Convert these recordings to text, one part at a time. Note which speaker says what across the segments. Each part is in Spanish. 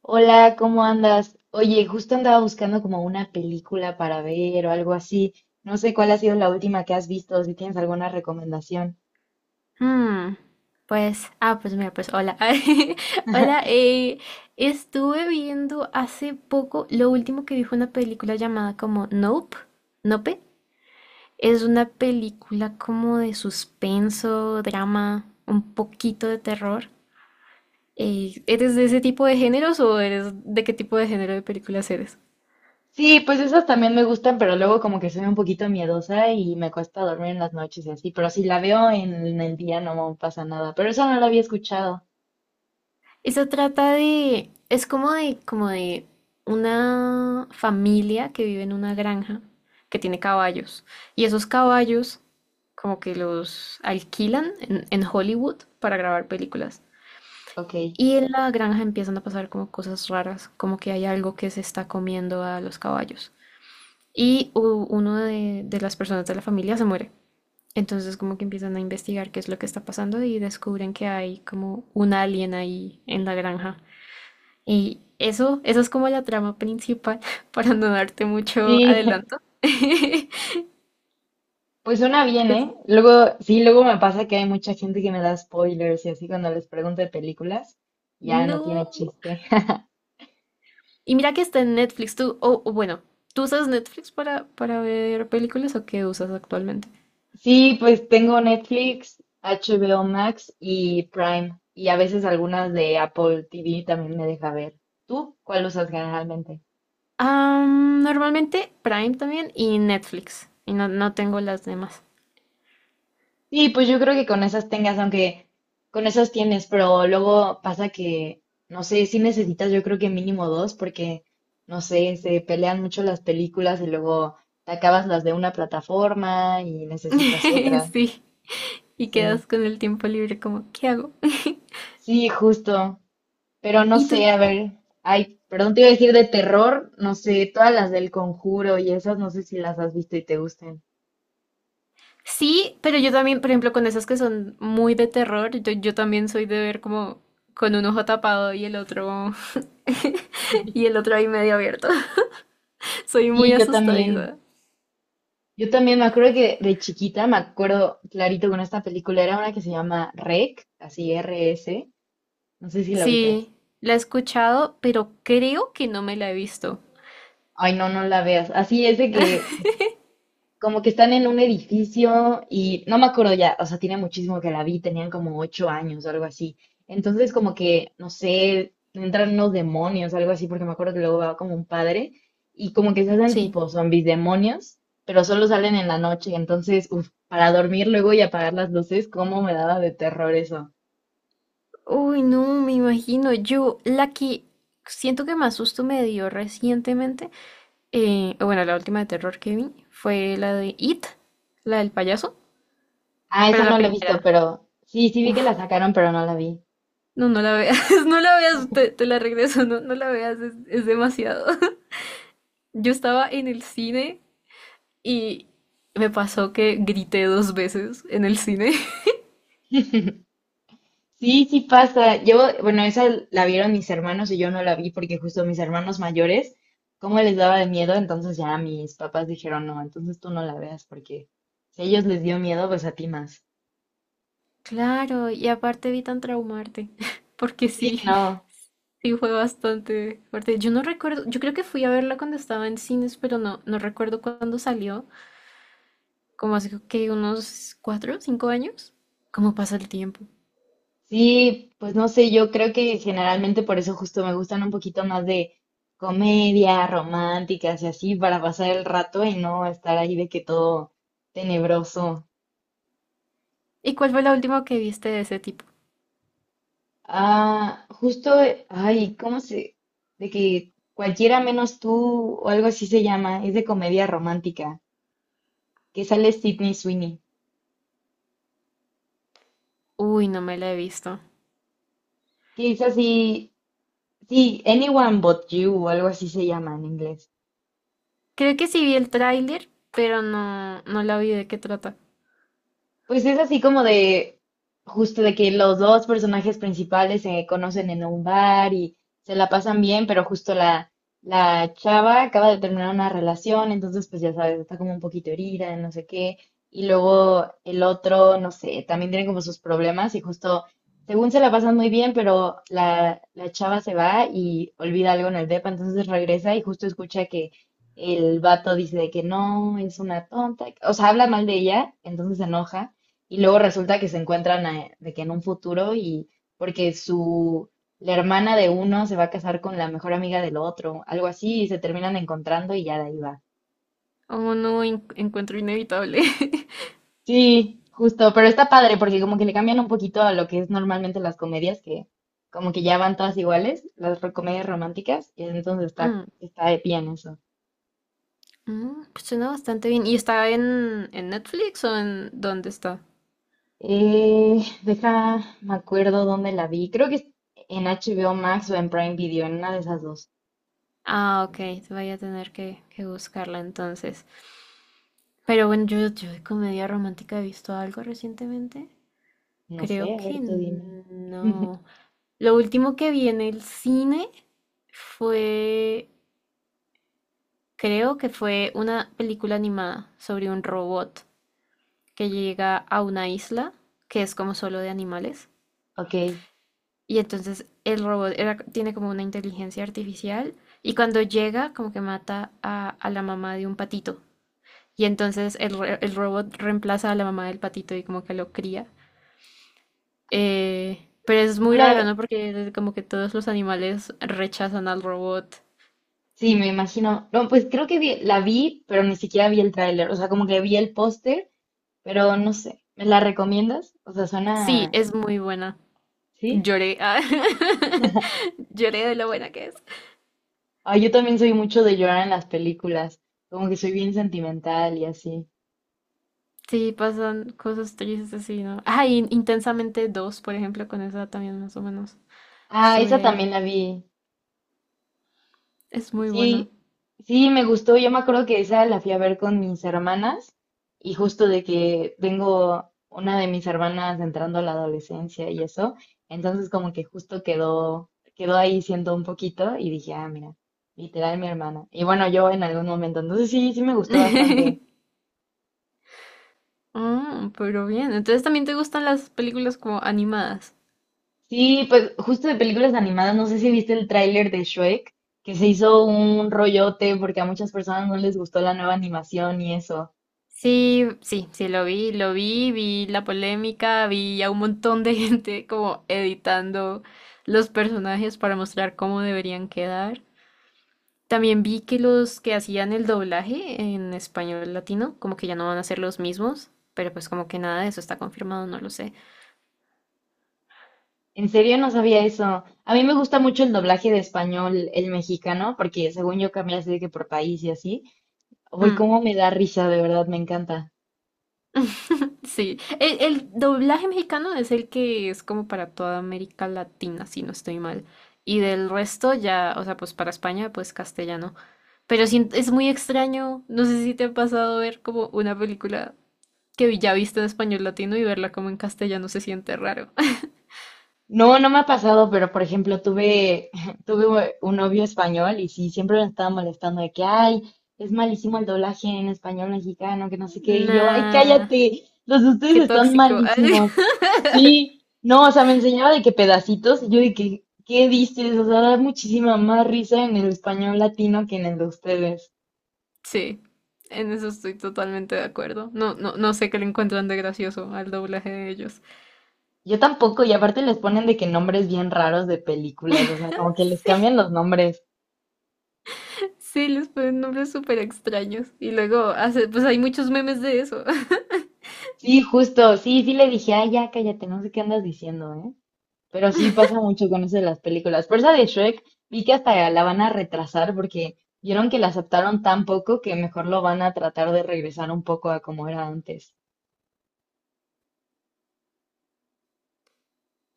Speaker 1: Hola, ¿cómo andas? Oye, justo andaba buscando como una película para ver o algo así. No sé cuál ha sido la última que has visto, o si tienes alguna recomendación.
Speaker 2: Mm, pues mira, pues hola. Hola, estuve viendo hace poco, lo último que vi fue una película llamada como Nope, Nope. Es una película como de suspenso, drama, un poquito de terror. ¿Eres de ese tipo de géneros o eres de qué tipo de género de películas eres?
Speaker 1: Sí, pues esas también me gustan, pero luego como que soy un poquito miedosa y me cuesta dormir en las noches y así. Pero si la veo en el día no me pasa nada. Pero eso no lo había escuchado.
Speaker 2: Eso trata de, es como de una familia que vive en una granja que tiene caballos. Y esos caballos como que los alquilan en Hollywood para grabar películas.
Speaker 1: Ok.
Speaker 2: Y en la granja empiezan a pasar como cosas raras, como que hay algo que se está comiendo a los caballos. Y uno de las personas de la familia se muere. Entonces como que empiezan a investigar qué es lo que está pasando y descubren que hay como un alien ahí en la granja. Y eso es como la trama principal, para no darte mucho
Speaker 1: Sí,
Speaker 2: adelanto. Pero
Speaker 1: pues suena bien,
Speaker 2: es-
Speaker 1: ¿eh? Luego, sí, luego me pasa que hay mucha gente que me da spoilers y así cuando les pregunto de películas, ya no
Speaker 2: no.
Speaker 1: tiene chiste.
Speaker 2: Y mira que está en Netflix, tú, o bueno, ¿tú usas Netflix para ver películas o qué usas actualmente?
Speaker 1: Sí, pues tengo Netflix, HBO Max y Prime. Y a veces algunas de Apple TV también me deja ver. ¿Tú cuál usas generalmente?
Speaker 2: Normalmente Prime también y Netflix. Y no, no tengo las demás.
Speaker 1: Sí, pues yo creo que con esas tengas, aunque con esas tienes, pero luego pasa que, no sé, sí necesitas yo creo que mínimo dos porque, no sé, se pelean mucho las películas y luego te acabas las de una plataforma y necesitas otra.
Speaker 2: Sí. Y
Speaker 1: Sí,
Speaker 2: quedas con el tiempo libre como, ¿qué hago?
Speaker 1: sí, justo. Pero no
Speaker 2: ¿Y tú?
Speaker 1: sé, a ver, ay, perdón, te iba a decir de terror, no sé, todas las del Conjuro y esas no sé si las has visto y te gusten.
Speaker 2: Sí, pero yo también, por ejemplo, con esas que son muy de terror, yo también soy de ver como con un ojo tapado y el otro y el otro ahí medio abierto. Soy muy
Speaker 1: Sí, yo también.
Speaker 2: asustadiza.
Speaker 1: Yo también me acuerdo que de chiquita, me acuerdo clarito con esta película, era una que se llama REC, así r s, no sé si la ubicas.
Speaker 2: Sí, la he escuchado, pero creo que no me la he visto.
Speaker 1: Ay, no, no la veas. Así es de que como que están en un edificio y no me acuerdo ya, o sea, tiene muchísimo que la vi, tenían como 8 años o algo así. Entonces, como que, no sé, entran unos demonios, algo así, porque me acuerdo que luego va como un padre y como que se hacen
Speaker 2: Sí.
Speaker 1: tipo zombies demonios, pero solo salen en la noche. Entonces, uf, para dormir luego y apagar las luces, cómo me daba de terror eso.
Speaker 2: Uy, no, me imagino. Yo, la que siento que más susto me dio recientemente, bueno, la última de terror que vi fue la de It, la del payaso,
Speaker 1: Ah,
Speaker 2: pero
Speaker 1: esa no
Speaker 2: la
Speaker 1: la he visto,
Speaker 2: primera.
Speaker 1: pero sí, sí vi que la
Speaker 2: Uf.
Speaker 1: sacaron, pero no la vi.
Speaker 2: No, no la veas, no la veas, te la regreso, no, no la veas, es demasiado. Yo estaba en el cine y me pasó que grité 2 veces en el cine.
Speaker 1: Sí, sí pasa. Yo, bueno, esa la vieron mis hermanos y yo no la vi porque justo mis hermanos mayores, como les daba de miedo, entonces ya mis papás dijeron, no, entonces tú no la veas porque si a ellos les dio miedo, pues a ti más.
Speaker 2: Claro, y aparte evitan traumarte, porque
Speaker 1: Sí,
Speaker 2: sí,
Speaker 1: no.
Speaker 2: sí fue bastante fuerte. Yo no recuerdo, yo creo que fui a verla cuando estaba en cines, pero no, no recuerdo cuándo salió, como hace que unos 4, 5 años. ¿Cómo pasa el tiempo?
Speaker 1: Sí, pues no sé, yo creo que generalmente por eso justo me gustan un poquito más de comedia, románticas y así, para pasar el rato y no estar ahí de que todo tenebroso.
Speaker 2: ¿Y cuál fue la última que viste de ese tipo?
Speaker 1: Ah, justo, ay, ¿cómo se? De que cualquiera menos tú o algo así se llama, es de comedia romántica, que sale Sydney Sweeney,
Speaker 2: Uy, no me la he visto.
Speaker 1: que es así, sí, Anyone But You o algo así se llama en inglés.
Speaker 2: Creo que sí vi el tráiler, pero no, no la vi de qué trata.
Speaker 1: Pues es así como de, justo de que los dos personajes principales se conocen en un bar y se la pasan bien, pero justo la chava acaba de terminar una relación, entonces pues ya sabes, está como un poquito herida, no sé qué, y luego el otro, no sé, también tiene como sus problemas y justo, según se la pasan muy bien, pero la chava se va y olvida algo en el depa, entonces regresa y justo escucha que... El vato dice de que no, es una tonta, o sea, habla mal de ella, entonces se enoja y luego resulta que se encuentran de que en un futuro y porque su la hermana de uno se va a casar con la mejor amiga del otro, algo así, y se terminan encontrando y ya de ahí va.
Speaker 2: Oh, no, encuentro inevitable.
Speaker 1: Sí, justo, pero está padre porque como que le cambian un poquito a lo que es normalmente las comedias que como que ya van todas iguales, las comedias románticas, y entonces está
Speaker 2: Mm,
Speaker 1: está bien eso.
Speaker 2: pues suena bastante bien. ¿Y está en Netflix o en dónde está?
Speaker 1: Deja, me acuerdo dónde la vi. Creo que es en HBO Max o en Prime Video, en una de esas dos.
Speaker 2: Ah, ok, voy a tener que buscarla entonces. Pero bueno, yo de comedia romántica he visto algo recientemente.
Speaker 1: No sé,
Speaker 2: Creo
Speaker 1: a
Speaker 2: que
Speaker 1: ver, tú dime.
Speaker 2: no. Lo último que vi en el cine fue, creo que fue una película animada sobre un robot que llega a una isla que es como solo de animales.
Speaker 1: Ok,
Speaker 2: Y entonces tiene como una inteligencia artificial y cuando llega como que mata a la mamá de un patito. Y entonces el robot reemplaza a la mamá del patito y como que lo cría. Pero es
Speaker 1: no
Speaker 2: muy raro,
Speaker 1: la...
Speaker 2: ¿no? Porque como que todos los animales rechazan al robot.
Speaker 1: Sí, me imagino. No, pues creo que la vi, pero ni siquiera vi el tráiler. O sea, como que vi el póster, pero no sé. ¿Me la recomiendas? O sea,
Speaker 2: Sí,
Speaker 1: suena...
Speaker 2: es muy buena.
Speaker 1: ¿Sí?
Speaker 2: Lloré. Ah. Lloré de lo buena que es.
Speaker 1: Ah, yo también soy mucho de llorar en las películas. Como que soy bien sentimental y así.
Speaker 2: Sí, pasan cosas tristes así, ¿no? Ah, y Intensamente 2, por ejemplo, con esa también más o menos
Speaker 1: Ah,
Speaker 2: estuve
Speaker 1: esa también
Speaker 2: ahí.
Speaker 1: la vi.
Speaker 2: Es muy buena.
Speaker 1: Sí, sí, me gustó. Yo me acuerdo que esa la fui a ver con mis hermanas y justo de que tengo una de mis hermanas entrando a la adolescencia y eso, entonces como que justo quedó ahí siendo un poquito y dije, ah, mira, literal mi hermana. Y bueno, yo en algún momento, entonces sí, sí me gustó bastante.
Speaker 2: Ah, pero bien. Entonces también te gustan las películas como animadas.
Speaker 1: Sí, pues justo de películas animadas, no sé si viste el tráiler de Shrek, que se hizo un rollote porque a muchas personas no les gustó la nueva animación y eso.
Speaker 2: Sí, vi la polémica, vi a un montón de gente como editando los personajes para mostrar cómo deberían quedar. También vi que los que hacían el doblaje en español latino, como que ya no van a ser los mismos, pero pues como que nada de eso está confirmado, no lo sé.
Speaker 1: En serio, no sabía eso. A mí me gusta mucho el doblaje de español, el mexicano, porque según yo cambia así de que por país y así. Uy,
Speaker 2: Mm.
Speaker 1: cómo me da risa, de verdad, me encanta.
Speaker 2: Sí, el doblaje mexicano es el que es como para toda América Latina, si no estoy mal. Y del resto ya, o sea, pues para España, pues castellano. Pero sí, es muy extraño, no sé si te ha pasado ver como una película que ya viste en español latino y verla como en castellano se siente raro.
Speaker 1: No, no me ha pasado, pero por ejemplo, tuve, tuve un novio español y sí, siempre me estaba molestando de que, ay, es malísimo el doblaje en español mexicano, que no sé qué. Y yo, ay,
Speaker 2: Nah.
Speaker 1: cállate, los de ustedes
Speaker 2: Qué
Speaker 1: están
Speaker 2: tóxico. Ay,
Speaker 1: malísimos. Sí, no, o sea, me enseñaba de que pedacitos y yo de que, ¿qué dices? O sea, da muchísima más risa en el español latino que en el de ustedes.
Speaker 2: sí, en eso estoy totalmente de acuerdo. No, no, no sé qué le encuentran de gracioso al doblaje de ellos.
Speaker 1: Yo tampoco, y aparte les ponen de que nombres bien raros de películas, o sea, como que les
Speaker 2: Sí,
Speaker 1: cambian los nombres.
Speaker 2: sí, les ponen nombres súper extraños. Y luego hace, pues hay muchos memes de eso.
Speaker 1: Sí, justo, sí, sí le dije, ay, ya cállate, no sé qué andas diciendo, ¿eh? Pero sí pasa mucho con eso de las películas. Por esa de Shrek, vi que hasta la van a retrasar porque vieron que la aceptaron tan poco que mejor lo van a tratar de regresar un poco a como era antes.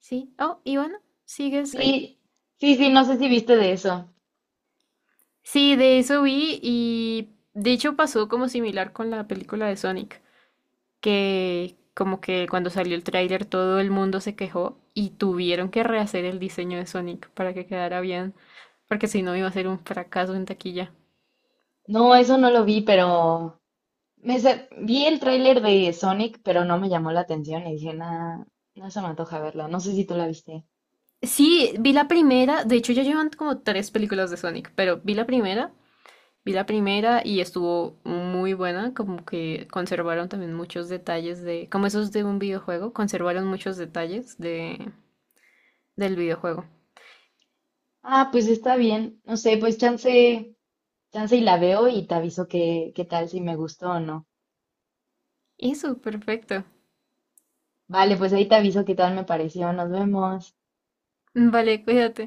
Speaker 2: Sí. Oh, y bueno, ¿sigues
Speaker 1: Sí,
Speaker 2: ahí?
Speaker 1: sí, sí, no sé si viste de eso.
Speaker 2: Sí, de eso vi y de hecho pasó como similar con la película de Sonic, que como que cuando salió el tráiler todo el mundo se quejó y tuvieron que rehacer el diseño de Sonic para que quedara bien, porque si no iba a ser un fracaso en taquilla.
Speaker 1: No, eso no lo vi, pero vi el tráiler de Sonic, pero no me llamó la atención y dije, nada, no se me antoja verla. No sé si tú la viste.
Speaker 2: Sí, vi la primera, de hecho ya llevan como 3 películas de Sonic, pero vi la primera y estuvo muy buena, como que conservaron también muchos detalles de, como esos de un videojuego, conservaron muchos detalles de, del videojuego.
Speaker 1: Ah, pues está bien, no sé, pues chance. Chance y la veo y te aviso qué, qué tal, si me gustó o no.
Speaker 2: Eso, perfecto.
Speaker 1: Vale, pues ahí te aviso qué tal me pareció. Nos vemos.
Speaker 2: Vale, cuídate.